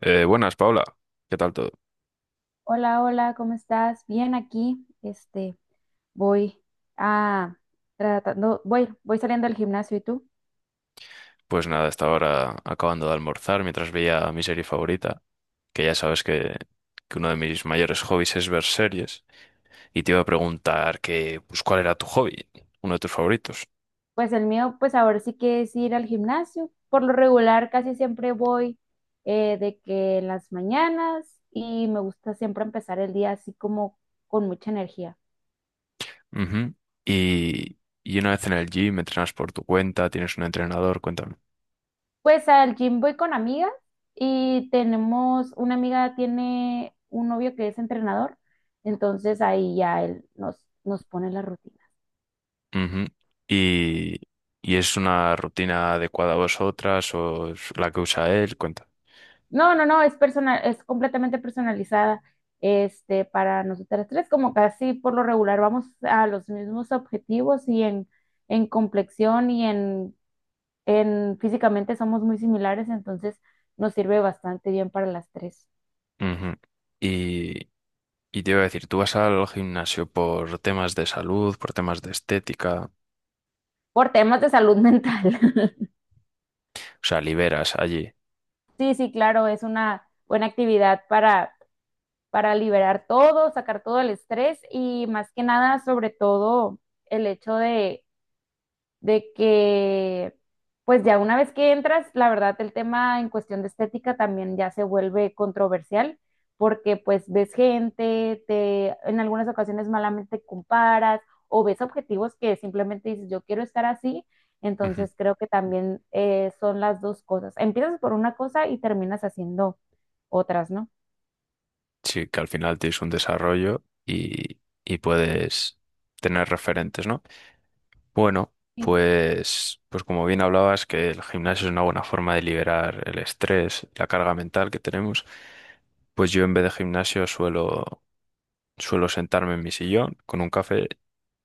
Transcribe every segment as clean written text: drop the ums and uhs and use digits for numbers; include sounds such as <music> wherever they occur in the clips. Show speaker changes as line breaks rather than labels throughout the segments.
Buenas, Paula. ¿Qué tal todo?
Hola, hola, ¿cómo estás? Bien aquí. Voy a tratando, voy saliendo del gimnasio, ¿y tú?
Pues nada, estaba ahora acabando de almorzar mientras veía mi serie favorita, que ya sabes que uno de mis mayores hobbies es ver series, y te iba a preguntar que, pues, ¿cuál era tu hobby? Uno de tus favoritos.
Pues el mío, pues ahora sí que es ir al gimnasio. Por lo regular, casi siempre voy de que en las mañanas y me gusta siempre empezar el día así como con mucha energía.
Ujú. Y, y una vez en el gym, ¿entrenas por tu cuenta, tienes un entrenador? Cuéntame.
Pues al gym voy con amigas y tenemos, una amiga tiene un novio que es entrenador, entonces ahí ya nos pone la rutina.
Ujú. Y, y ¿es una rutina adecuada a vosotras o es la que usa él? Cuenta.
No, no, no, es personal, es completamente personalizada, para nosotras tres, como casi por lo regular vamos a los mismos objetivos en complexión en físicamente somos muy similares, entonces nos sirve bastante bien para las tres.
Ujú. Y, Y te iba a decir, ¿tú vas al gimnasio por temas de salud, por temas de estética, o
Por temas de salud mental. <laughs>
sea, liberas allí?
Sí, sí, claro, es una buena actividad para liberar todo, sacar todo el estrés y más que nada, sobre todo, el hecho de que pues ya una vez que entras, la verdad el tema en cuestión de estética también ya se vuelve controversial, porque pues ves gente, te en algunas ocasiones malamente comparas o ves objetivos que simplemente dices, yo quiero estar así,
Ujú.
entonces creo que también son las dos cosas. Empiezas por una cosa y terminas haciendo otras, ¿no?
Sí, que al final tienes un desarrollo y puedes tener referentes, ¿no? Bueno,
Sí.
pues como bien hablabas, que el gimnasio es una buena forma de liberar el estrés, la carga mental que tenemos, pues yo en vez de gimnasio suelo sentarme en mi sillón con un café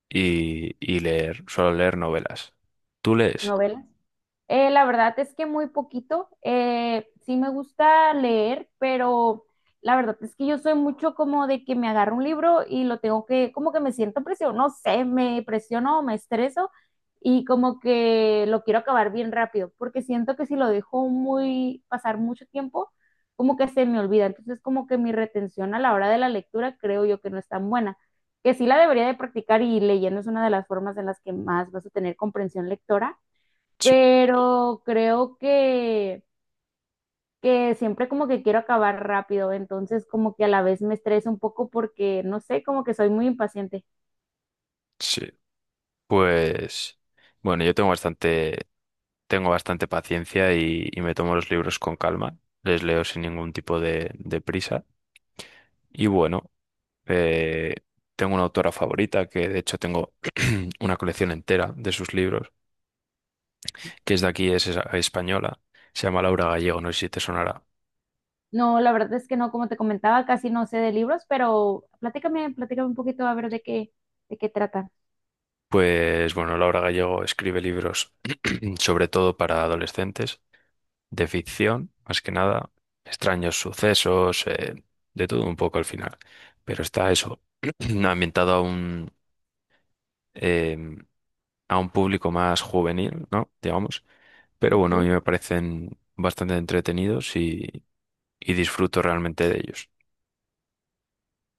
y leer, suelo leer novelas. ¿Tú lees?
Novelas. La verdad es que muy poquito. Sí me gusta leer, pero la verdad es que yo soy mucho como de que me agarro un libro y lo tengo que, como que me siento presionado, no sé, me presiono o me estreso y como que lo quiero acabar bien rápido, porque siento que si lo dejo muy, pasar mucho tiempo, como que se me olvida. Entonces, como que mi retención a la hora de la lectura creo yo que no es tan buena, que sí la debería de practicar y leyendo es una de las formas en las que más vas a tener comprensión lectora,
Sí,
pero creo que siempre como que quiero acabar rápido, entonces como que a la vez me estreso un poco porque, no sé, como que soy muy impaciente.
sí. Pues bueno, yo tengo bastante paciencia y me tomo los libros con calma. Les leo sin ningún tipo de prisa. Y bueno, eh, tengo una autora favorita que de hecho tengo <clears throat> una colección entera de sus libros, que es de aquí, española. Se llama Laura Gallego, no sé si te sonará.
No, la verdad es que no, como te comentaba, casi no sé de libros, pero platícame, platícame un poquito a ver de de qué trata.
Pues bueno, Laura Gallego escribe libros <clears throat> sobre todo para adolescentes de ficción, más que nada, extraños sucesos, de todo un poco al final. Pero está eso, <clears throat> ambientado a un, eh, a un público más juvenil, ¿no? Digamos. Pero bueno, a
Ujú.
mí me parecen bastante entretenidos y disfruto realmente de ellos.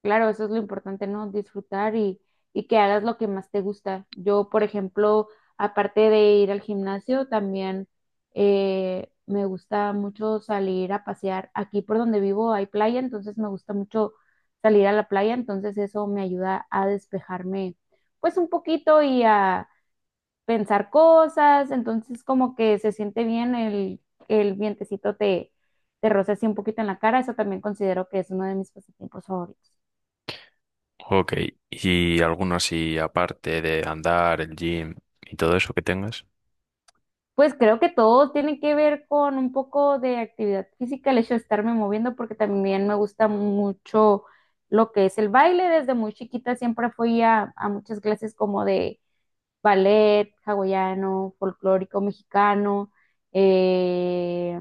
Claro, eso es lo importante, ¿no? Disfrutar y que hagas lo que más te gusta. Yo, por ejemplo, aparte de ir al gimnasio, también me gusta mucho salir a pasear. Aquí por donde vivo hay playa, entonces me gusta mucho salir a la playa, entonces eso me ayuda a despejarme pues un poquito y a pensar cosas, entonces como que se siente bien el vientecito te roza así un poquito en la cara, eso también considero que es uno de mis pasatiempos favoritos.
Ok, ¿y alguno así aparte de andar, el gym y todo eso que tengas?
Pues creo que todo tiene que ver con un poco de actividad física, el hecho de estarme moviendo, porque también me gusta mucho lo que es el baile. Desde muy chiquita siempre fui a muchas clases como de ballet, hawaiano, folclórico mexicano, eh,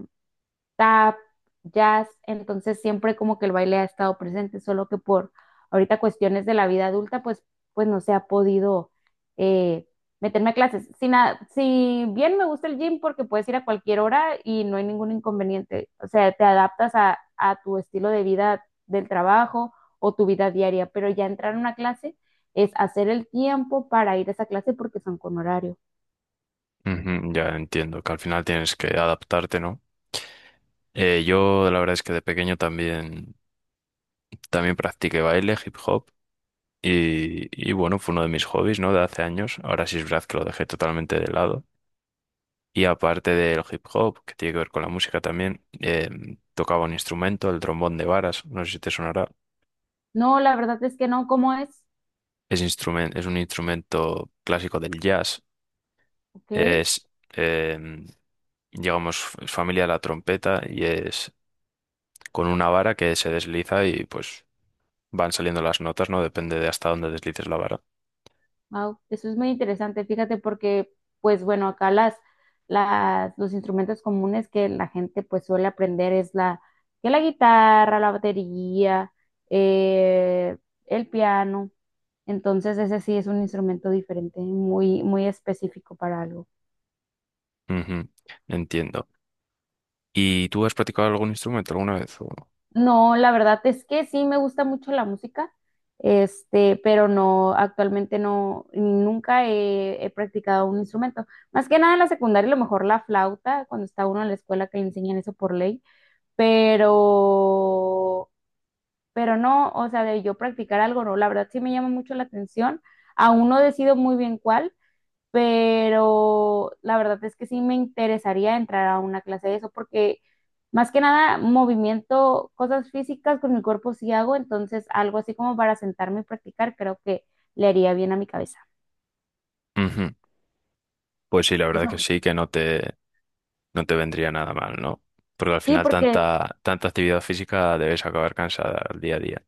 tap, jazz, entonces siempre como que el baile ha estado presente, solo que por ahorita cuestiones de la vida adulta, pues no se ha podido eh, meterme a clases. Si bien me gusta el gym porque puedes ir a cualquier hora y no hay ningún inconveniente, o sea, te adaptas a tu estilo de vida del trabajo o tu vida diaria, pero ya entrar a una clase es hacer el tiempo para ir a esa clase porque son con horario.
Ujú, ya entiendo que al final tienes que adaptarte, ¿no? Yo la verdad es que de pequeño también también practiqué baile, hip hop y bueno, fue uno de mis hobbies, ¿no? De hace años. Ahora sí es verdad que lo dejé totalmente de lado. Y aparte del hip hop, que tiene que ver con la música también, tocaba un instrumento, el trombón de varas, no sé si te sonará.
No, la verdad es que no, ¿cómo es?
Es un instrumento clásico del jazz.
Ok.
Es, eh, digamos, es familia de la trompeta y es con una vara que se desliza y pues van saliendo las notas, ¿no? Depende de hasta dónde deslices la vara.
Wow, eso es muy interesante, fíjate, porque, pues bueno, acá los instrumentos comunes que la gente pues suele aprender es que la guitarra, la batería, eh, el piano. Entonces, ese sí es un instrumento diferente, muy, muy específico para algo.
Ujú, entiendo. ¿Y tú has practicado algún instrumento alguna vez o no?
No, la verdad es que sí me gusta mucho la música, pero no, actualmente no, nunca he, he practicado un instrumento. Más que nada en la secundaria, a lo mejor la flauta, cuando está uno en la escuela que le enseñan eso por ley, pero, pero no, o sea, de yo practicar algo, no, la verdad sí me llama mucho la atención. Aún no decido muy bien cuál, pero la verdad es que sí me interesaría entrar a una clase de eso porque más que nada movimiento, cosas físicas con mi cuerpo sí hago, entonces algo así como para sentarme y practicar creo que le haría bien a mi cabeza.
Ujú. Pues sí, la verdad que sí, que no te, no te vendría nada mal, ¿no? Porque al
Sí,
final
porque
tanta actividad física debes acabar cansada al día a día.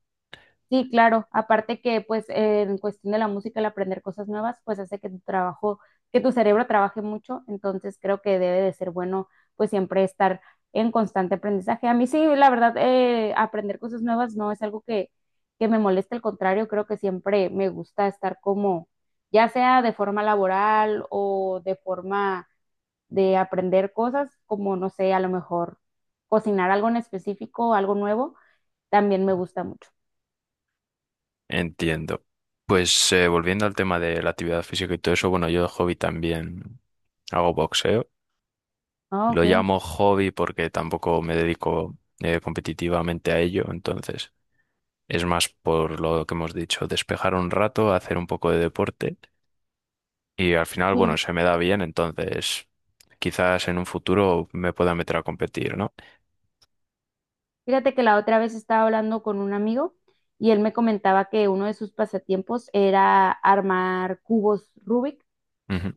sí, claro. Aparte que, pues, en cuestión de la música, el aprender cosas nuevas, pues hace que tu que tu cerebro trabaje mucho. Entonces, creo que debe de ser bueno, pues, siempre estar en constante aprendizaje. A mí sí, la verdad, aprender cosas nuevas no es algo que me moleste. Al contrario, creo que siempre me gusta estar como, ya sea de forma laboral o de forma de aprender cosas, como, no sé, a lo mejor cocinar algo en específico, algo nuevo, también me gusta mucho.
Entiendo. Pues volviendo al tema de la actividad física y todo eso, bueno, yo de hobby también hago boxeo.
Ah,
Lo
ok.
llamo hobby porque tampoco me dedico competitivamente a ello, entonces es más por lo que hemos dicho, despejar un rato, hacer un poco de deporte. Y al final, bueno,
Sí,
se me da bien, entonces quizás en un futuro me pueda meter a competir, ¿no?
fíjate que la otra vez estaba hablando con un amigo y él me comentaba que uno de sus pasatiempos era armar cubos Rubik.
Ujú,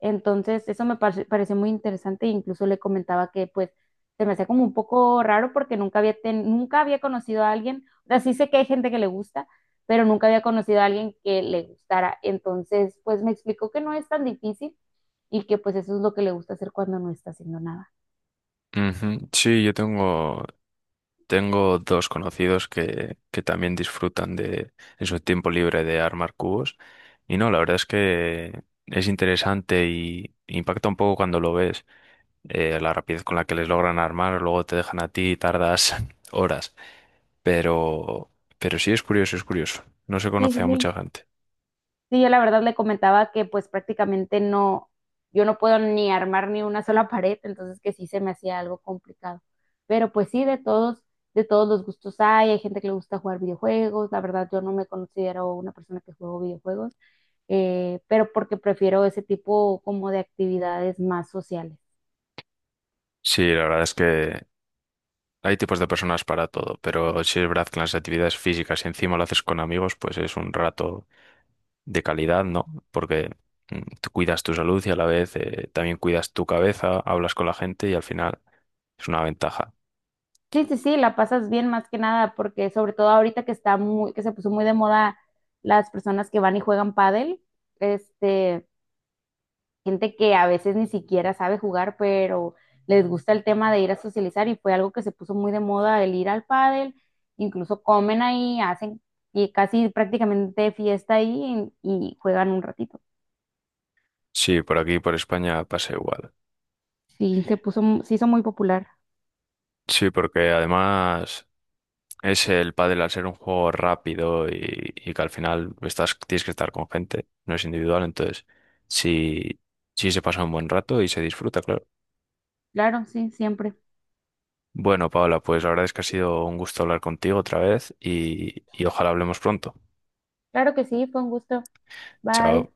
Entonces, eso pareció muy interesante e incluso le comentaba que pues se me hacía como un poco raro porque nunca había conocido a alguien, o sea, sí sé que hay gente que le gusta, pero nunca había conocido a alguien que le gustara. Entonces, pues me explicó que no es tan difícil y que pues eso es lo que le gusta hacer cuando no está haciendo nada.
ujú. Sí, tengo dos conocidos que también disfrutan de, en su tiempo libre, de armar cubos. Y no, la verdad es que es interesante y impacta un poco cuando lo ves. La rapidez con la que les logran armar, luego te dejan a ti y tardas <laughs> horas. Pero, pero sí es curioso, es curioso. No se
Sí,
conoce
sí,
a
sí,
mucha gente.
sí, yo la verdad le comentaba que pues prácticamente no, yo no puedo ni armar ni una sola <laughs> pared, entonces que sí se me hacía algo complicado. Pero pues sí, de todos los gustos hay, hay gente que le gusta jugar videojuegos, la verdad yo no me considero una persona que juego videojuegos, pero porque prefiero ese tipo como de actividades más sociales.
Sí, la verdad es que hay tipos de personas para todo, pero si es verdad que las actividades físicas y encima lo haces con amigos, pues es un rato de calidad, ¿no? Porque mm, tú cuidas tu salud y a la vez también cuidas tu cabeza, hablas con la gente y al final es una ventaja.
Sí, sí, sí, la pasas bien más que nada, porque sobre todo ahorita que está muy, que se puso muy de moda las personas que van y juegan pádel, este gente que a veces ni siquiera sabe jugar, pero les gusta el tema de ir a socializar y fue algo que se puso muy de moda el ir al pádel, incluso comen ahí, hacen y casi prácticamente fiesta ahí y juegan un ratito.
Sí, por aquí, por España pasa igual.
Sí, se puso, se hizo muy popular.
Sí, porque además es el pádel, al ser un juego rápido y que al final tienes que estar con gente, no es individual, entonces sí, sí se pasa un buen rato y se disfruta, claro.
Claro, sí, siempre.
Bueno, Paola, pues la verdad es que ha sido un gusto hablar contigo otra vez y ojalá hablemos pronto.
Claro que sí, fue un gusto. Bye.
Chao.